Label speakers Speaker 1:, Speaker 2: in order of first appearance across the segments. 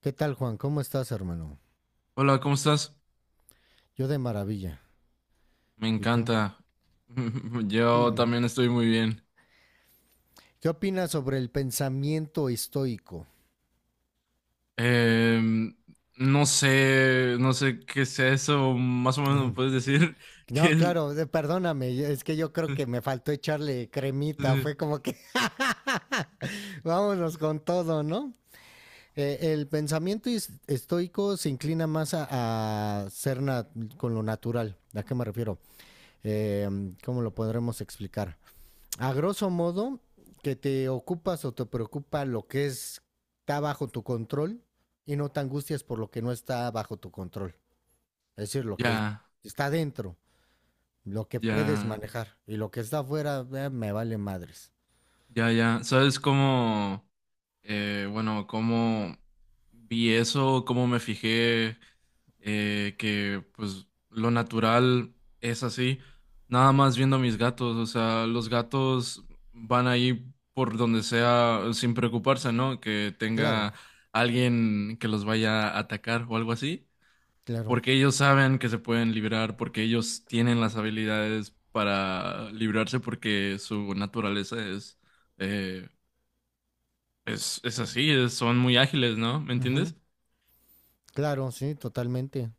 Speaker 1: ¿Qué tal, Juan? ¿Cómo estás, hermano?
Speaker 2: Hola, ¿cómo estás?
Speaker 1: Yo de maravilla.
Speaker 2: Me
Speaker 1: ¿Y tú?
Speaker 2: encanta. Yo también estoy muy bien.
Speaker 1: ¿Qué opinas sobre el pensamiento estoico?
Speaker 2: Em, no sé qué sea eso. Más o menos me puedes decir que
Speaker 1: No,
Speaker 2: es.
Speaker 1: claro, perdóname, es que yo creo que me faltó echarle cremita, fue como que vámonos con todo, ¿no? El pensamiento estoico se inclina más a ser con lo natural. ¿A qué me refiero? Eh, ¿Cómo lo podremos explicar? A grosso modo, que te ocupas o te preocupa lo que es, está bajo tu control y no te angustias por lo que no está bajo tu control. Es decir, lo que
Speaker 2: Ya,
Speaker 1: está dentro, lo que puedes
Speaker 2: ya,
Speaker 1: manejar y lo que está afuera, me vale madres.
Speaker 2: ya, ya. ¿Sabes cómo? Bueno, cómo vi eso, cómo me fijé que pues lo natural es así, nada más viendo a mis gatos, o sea, los gatos van ahí por donde sea sin preocuparse, ¿no? Que
Speaker 1: Claro,
Speaker 2: tenga alguien que los vaya a atacar o algo así,
Speaker 1: claro.
Speaker 2: porque ellos saben que se pueden librar, porque ellos tienen las habilidades para librarse, porque su naturaleza es eh, es así, son muy ágiles, ¿no? ¿Me
Speaker 1: Ujú.
Speaker 2: entiendes?
Speaker 1: Claro, sí, totalmente.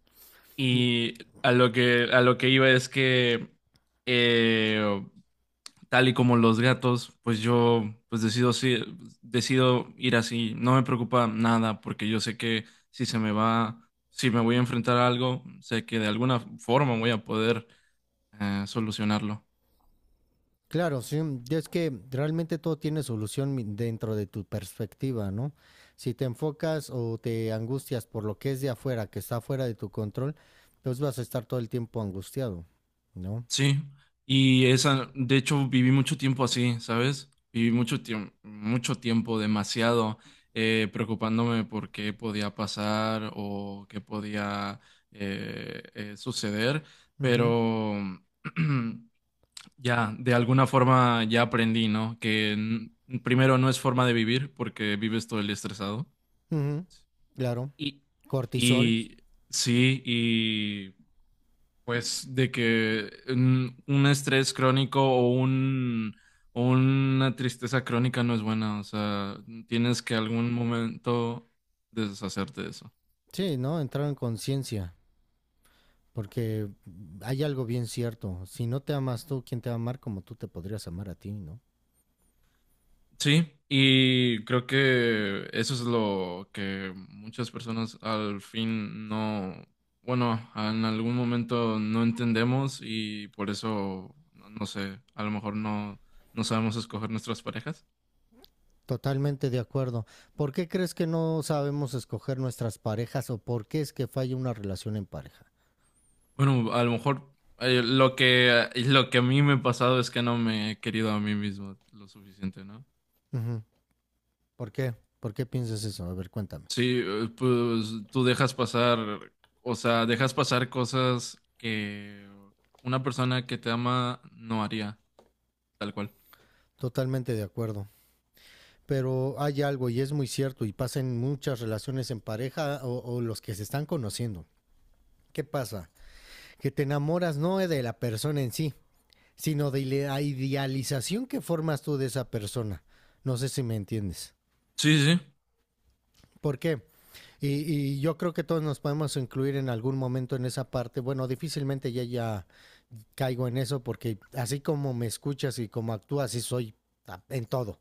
Speaker 2: Y a lo que iba es que, eh, tal y como los gatos, pues yo pues decido, decido ir así. No me preocupa nada porque yo sé que si se me va, si me voy a enfrentar a algo, sé que de alguna forma voy a poder solucionarlo.
Speaker 1: Claro, sí, y es que realmente todo tiene solución dentro de tu perspectiva, ¿no? Si te enfocas o te angustias por lo que es de afuera, que está fuera de tu control, pues vas a estar todo el tiempo angustiado, ¿no?
Speaker 2: Sí, y esa, de hecho, viví mucho tiempo así, ¿sabes? Viví mucho tiempo, demasiado, preocupándome por qué podía pasar o qué podía suceder,
Speaker 1: Ujú,
Speaker 2: pero ya, de alguna forma ya aprendí, ¿no? Que primero no es forma de vivir porque vives todo el día estresado.
Speaker 1: ujú, claro,
Speaker 2: Y,
Speaker 1: cortisol,
Speaker 2: y sí, pues de que un estrés crónico o una tristeza crónica no es buena, o sea, tienes que algún momento deshacerte de eso.
Speaker 1: sí, ¿no? Entrar en conciencia, porque hay algo bien cierto, si no te amas tú, ¿quién te va a amar como tú te podrías amar a ti, ¿no?
Speaker 2: Sí, y creo que eso es lo que muchas personas al fin no, bueno, en algún momento no entendemos y por eso, no, no sé, a lo mejor no sabemos escoger nuestras parejas.
Speaker 1: Totalmente de acuerdo. ¿Por qué crees que no sabemos escoger nuestras parejas o por qué es que falla una relación en pareja?
Speaker 2: Bueno, a lo mejor lo que a mí me ha pasado es que no me he querido a mí mismo lo suficiente, ¿no?
Speaker 1: Ujú. ¿Por qué? ¿Por qué piensas eso? A ver, cuéntame.
Speaker 2: Sí, pues tú dejas pasar, o sea, dejas pasar cosas que una persona que te ama no haría, tal cual.
Speaker 1: Totalmente de acuerdo. Pero hay algo y es muy cierto y pasa en muchas relaciones en pareja o los que se están conociendo. ¿Qué pasa? Que te enamoras no de la persona en sí, sino de la idealización que formas tú de esa persona. No sé si me entiendes.
Speaker 2: Sí, sí, sí.
Speaker 1: ¿Por qué? Y yo creo que todos nos podemos incluir en algún momento en esa parte. Bueno, difícilmente ya caigo en eso porque así como me escuchas y como actúas, así soy en todo.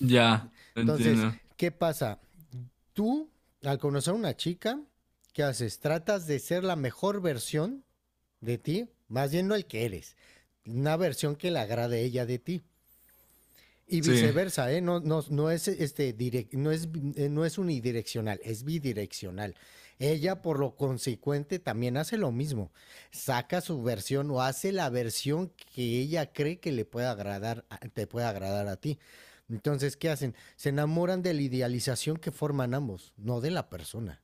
Speaker 2: Ya,
Speaker 1: Entonces,
Speaker 2: entiendo.
Speaker 1: ¿qué pasa? Tú, al conocer a una chica, ¿qué haces? Tratas de ser la mejor versión de ti, más bien no el que eres, una versión que le agrade a ella de ti. Y
Speaker 2: Sí,
Speaker 1: viceversa, ¿eh? No, no, no es direct, no es no es unidireccional, es bidireccional.
Speaker 2: sí.
Speaker 1: Ella, por lo consecuente, también hace lo mismo. Saca su versión o hace la versión que ella cree que le pueda agradar, te puede agradar a ti. Entonces, ¿qué hacen? Se enamoran de la idealización que forman ambos, no de la persona.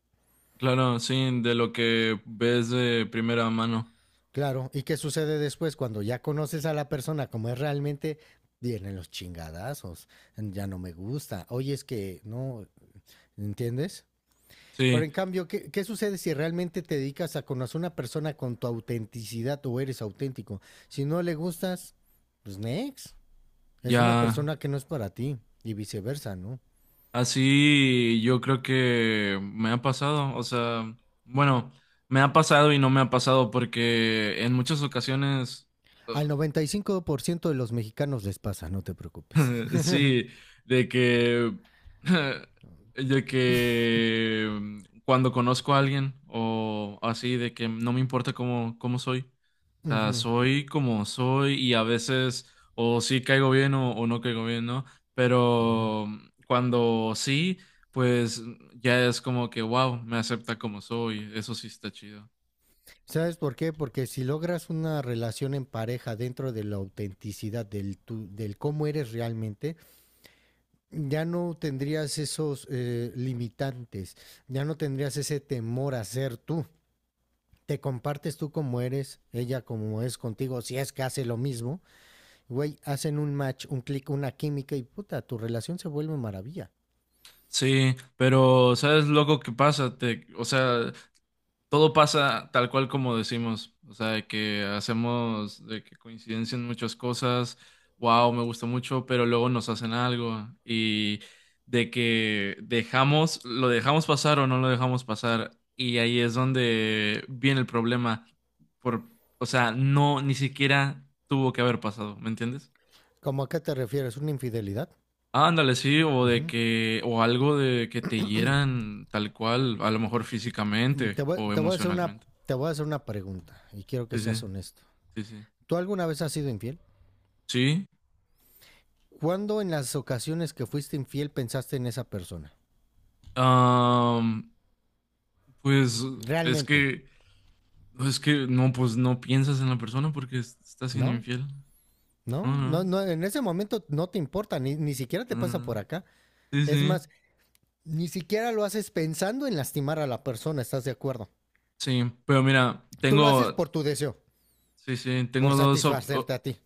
Speaker 2: Claro, sí, de lo que ves de primera mano.
Speaker 1: Claro, ¿y qué sucede después cuando ya conoces a la persona como es realmente? Vienen los chingadazos, ya no me gusta. Oye, es que no, ¿entiendes? Pero
Speaker 2: Sí,
Speaker 1: en cambio, ¿qué sucede si realmente te dedicas a conocer a una persona con tu autenticidad o eres auténtico? Si no le gustas, pues next. Es una
Speaker 2: ya.
Speaker 1: persona que no es para ti y viceversa, ¿no?
Speaker 2: Así yo creo que me ha pasado, o sea, bueno, me ha pasado y no me ha pasado porque en muchas ocasiones.
Speaker 1: Al 95% de los mexicanos les pasa, no te preocupes.
Speaker 2: Sí, de que, de que cuando conozco a alguien o así, de que no me importa cómo soy. O
Speaker 1: Uh
Speaker 2: sea,
Speaker 1: -huh,
Speaker 2: soy como soy y a veces o sí caigo bien o no caigo bien, ¿no?
Speaker 1: uh -huh.
Speaker 2: Pero cuando sí, pues ya es como que, wow, me acepta como soy. Eso sí está chido.
Speaker 1: ¿Sabes por qué? Porque si logras una relación en pareja dentro de la autenticidad del cómo eres realmente, ya no tendrías esos limitantes, ya no tendrías ese temor a ser tú. Te compartes tú como eres, ella como es contigo, si es que hace lo mismo, güey, hacen un match, un clic, una química y puta, tu relación se vuelve maravilla.
Speaker 2: Sí, pero ¿sabes lo que pasa? O sea, todo pasa tal cual como decimos, o sea, de que hacemos, de que coincidencian muchas cosas, wow, me gusta mucho, pero luego nos hacen algo y de que dejamos, lo dejamos pasar o no lo dejamos pasar y ahí es donde viene el problema, por, o sea, no, ni siquiera tuvo que haber pasado, ¿me entiendes?
Speaker 1: ¿Cómo a qué te refieres? ¿Una infidelidad?
Speaker 2: Ándale, sí, o de
Speaker 1: Ujú.
Speaker 2: que, o algo de que te hieran tal cual, a lo mejor físicamente o
Speaker 1: Te voy a hacer una,
Speaker 2: emocionalmente.
Speaker 1: te voy a hacer una pregunta y quiero que
Speaker 2: Sí,
Speaker 1: seas
Speaker 2: sí,
Speaker 1: honesto.
Speaker 2: sí, sí.
Speaker 1: ¿Tú alguna vez has sido infiel?
Speaker 2: Sí,
Speaker 1: ¿Cuándo en las ocasiones que fuiste infiel pensaste en esa persona?
Speaker 2: am, pues es
Speaker 1: Realmente,
Speaker 2: que, pues, es que no, pues no piensas en la persona porque estás siendo
Speaker 1: ¿no?
Speaker 2: infiel. No,
Speaker 1: No, no,
Speaker 2: no,
Speaker 1: no, en ese momento no te importa, ni siquiera te
Speaker 2: no, no.
Speaker 1: pasa por
Speaker 2: No.
Speaker 1: acá.
Speaker 2: Sí,
Speaker 1: Es
Speaker 2: sí,
Speaker 1: más, ni siquiera lo haces pensando en lastimar a la persona, ¿estás de acuerdo?
Speaker 2: sí, pero mira,
Speaker 1: Tú lo haces por tu deseo,
Speaker 2: sí, sí,
Speaker 1: por satisfacerte a ti.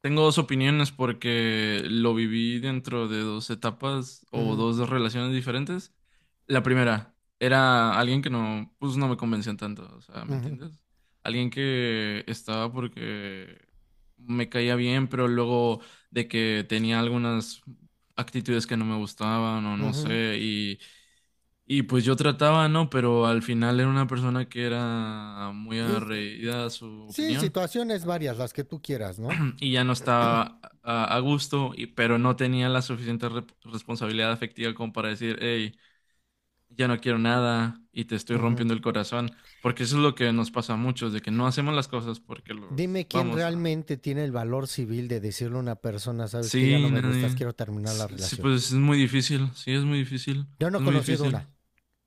Speaker 2: tengo dos opiniones porque lo viví dentro de dos etapas o
Speaker 1: Ujú,
Speaker 2: dos relaciones diferentes. La primera era alguien que no, pues no me convencía tanto, o sea, ¿me
Speaker 1: ujú,
Speaker 2: entiendes? Alguien que estaba porque me caía bien, pero luego de que tenía algunas actitudes que no me gustaban o no
Speaker 1: ujú.
Speaker 2: sé, y pues yo trataba, ¿no? Pero al final era una persona que era muy
Speaker 1: Es-
Speaker 2: arraigada a su
Speaker 1: sí,
Speaker 2: opinión
Speaker 1: situaciones varias, las que tú quieras, ¿no?
Speaker 2: y ya no estaba a gusto, y, pero no tenía la suficiente responsabilidad afectiva como para decir, hey, ya no quiero nada y te estoy
Speaker 1: Ujú.
Speaker 2: rompiendo el corazón, porque eso es lo que nos pasa a muchos, de que no hacemos las cosas porque los
Speaker 1: Dime quién
Speaker 2: vamos a...
Speaker 1: realmente tiene el valor civil de decirle a una persona, sabes que ya no
Speaker 2: Sí,
Speaker 1: me gustas,
Speaker 2: nadie.
Speaker 1: quiero terminar la
Speaker 2: Sí,
Speaker 1: relación.
Speaker 2: pues es muy difícil, sí, es muy difícil,
Speaker 1: Yo no he
Speaker 2: es muy
Speaker 1: conocido una.
Speaker 2: difícil.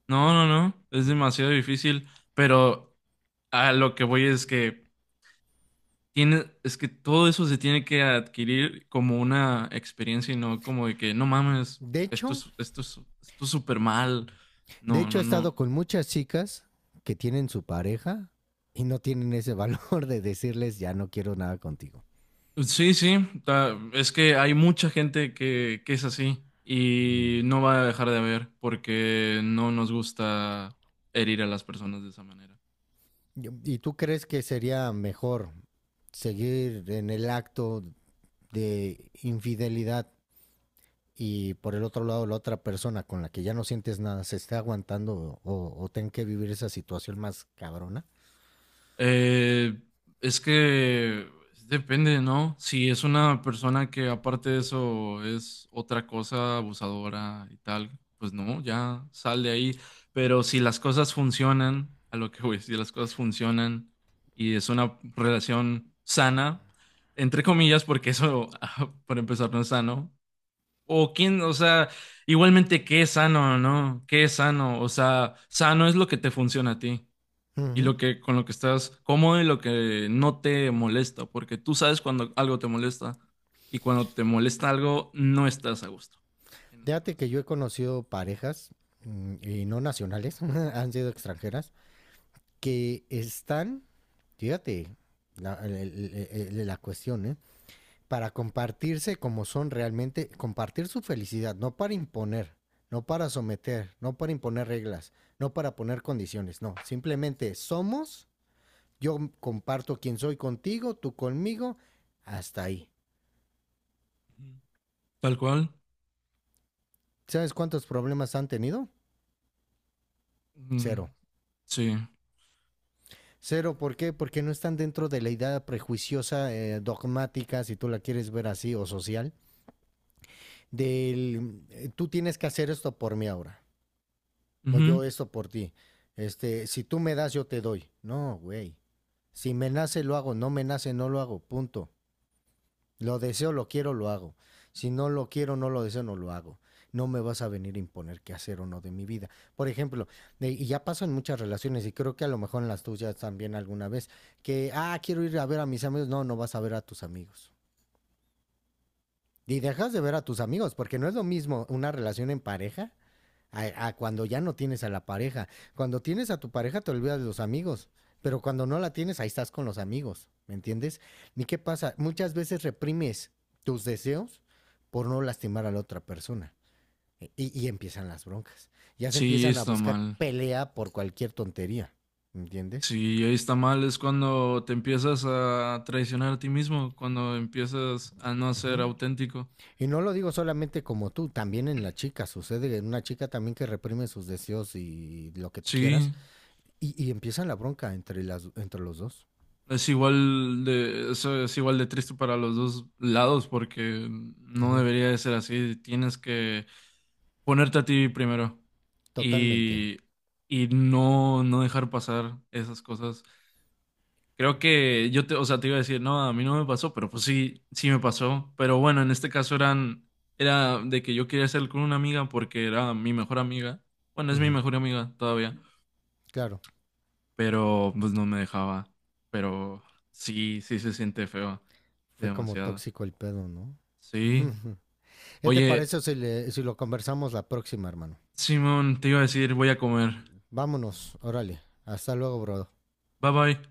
Speaker 2: No, no, no, es demasiado difícil, pero a lo que voy es que tiene, es que todo eso se tiene que adquirir como una experiencia y no como de que no mames,
Speaker 1: De
Speaker 2: esto
Speaker 1: hecho,
Speaker 2: es, esto es, esto es súper mal.
Speaker 1: de
Speaker 2: No,
Speaker 1: hecho, he
Speaker 2: no, no.
Speaker 1: estado con muchas chicas que tienen su pareja y no tienen ese valor de decirles, ya no quiero nada contigo.
Speaker 2: Sí, sí, es que hay mucha gente que es así
Speaker 1: Ujú.
Speaker 2: y no va a dejar de haber porque no nos gusta herir a las personas de esa manera.
Speaker 1: ¿Y tú crees que sería mejor seguir en el acto de infidelidad y por el otro lado la otra persona con la que ya no sientes nada se esté aguantando o ten que vivir esa situación más cabrona?
Speaker 2: Eh, es que depende, ¿no? Si es una persona que aparte de eso es otra cosa abusadora y tal, pues no, ya sal de ahí. Pero si las cosas funcionan, a lo que voy, si las cosas funcionan y es una relación sana, entre comillas, porque eso, ah, por empezar, no es sano. O quién, o sea, igualmente qué es sano, ¿no? ¿Qué es sano? O sea, sano es lo que te funciona a ti y
Speaker 1: Ujú.
Speaker 2: lo que con lo que estás cómodo y lo que no te molesta, porque tú sabes cuando algo te molesta y cuando te molesta algo no estás a gusto en esa
Speaker 1: Fíjate que
Speaker 2: relación.
Speaker 1: yo he conocido parejas y no nacionales, han sido extranjeras, que están, fíjate, la cuestión, ¿eh? Para compartirse como son realmente, compartir su felicidad, no para imponer, no para someter, no para imponer reglas, no para poner condiciones, no, simplemente somos, yo comparto quién soy contigo, tú conmigo, hasta ahí.
Speaker 2: Ujú. Tal cual.
Speaker 1: ¿Sabes cuántos problemas han tenido?
Speaker 2: Mm,
Speaker 1: Cero.
Speaker 2: sí.
Speaker 1: Cero, ¿por qué? Porque no están dentro de la idea prejuiciosa, dogmática, si tú la quieres ver así, o social, del tú tienes que hacer esto por mí ahora, o
Speaker 2: Ujú.
Speaker 1: yo esto por ti. Este, si tú me das, yo te doy. No, güey. Si me nace, lo hago. No me nace, no lo hago. Punto. Lo deseo, lo quiero, lo hago. Si no lo quiero, no lo deseo, no lo hago. No me vas a venir a imponer qué hacer o no de mi vida. Por ejemplo, y ya pasó en muchas relaciones, y creo que a lo mejor en las tuyas también alguna vez, que, ah, quiero ir a ver a mis amigos. No, no vas a ver a tus amigos. Y dejas de ver a tus amigos, porque no es lo mismo una relación en pareja a cuando ya no tienes a la pareja. Cuando tienes a tu pareja te olvidas de los amigos, pero cuando no la tienes ahí estás con los amigos, ¿me entiendes? ¿Y qué pasa? Muchas veces reprimes tus deseos por no lastimar a la otra persona. Y empiezan las broncas. Ya se
Speaker 2: Sí,
Speaker 1: empiezan a
Speaker 2: está
Speaker 1: buscar
Speaker 2: mal.
Speaker 1: pelea por cualquier tontería, ¿me entiendes?
Speaker 2: Sí, ahí está mal es cuando te empiezas a traicionar a ti mismo, cuando empiezas a no ser
Speaker 1: Ujú.
Speaker 2: auténtico.
Speaker 1: Y no lo digo solamente como tú, también en la chica sucede, en una chica también que reprime sus deseos y lo que tú quieras,
Speaker 2: Sí,
Speaker 1: y empieza la bronca entre, las, entre los dos.
Speaker 2: es igual de, eso es igual de triste para los dos lados porque no
Speaker 1: Ujú,
Speaker 2: debería de ser así. Tienes que ponerte a ti primero
Speaker 1: totalmente.
Speaker 2: y, y no, no dejar pasar esas cosas. Creo que yo o sea, te iba a decir, no, a mí no me pasó, pero pues sí, sí me pasó. Pero bueno, en este caso era de que yo quería hacer con una amiga porque era mi mejor amiga. Bueno, es mi
Speaker 1: Ujú,
Speaker 2: mejor amiga todavía
Speaker 1: claro,
Speaker 2: pero pues no me dejaba. Pero sí, sí se siente feo,
Speaker 1: fue como
Speaker 2: demasiado.
Speaker 1: tóxico el pedo, ¿no?
Speaker 2: Sí.
Speaker 1: Ujú. ¿Qué te
Speaker 2: Oye,
Speaker 1: parece si, si lo conversamos la próxima, hermano?
Speaker 2: Simón, te iba a decir, voy a comer.
Speaker 1: Vámonos, órale. Hasta luego, bro.
Speaker 2: Bye bye.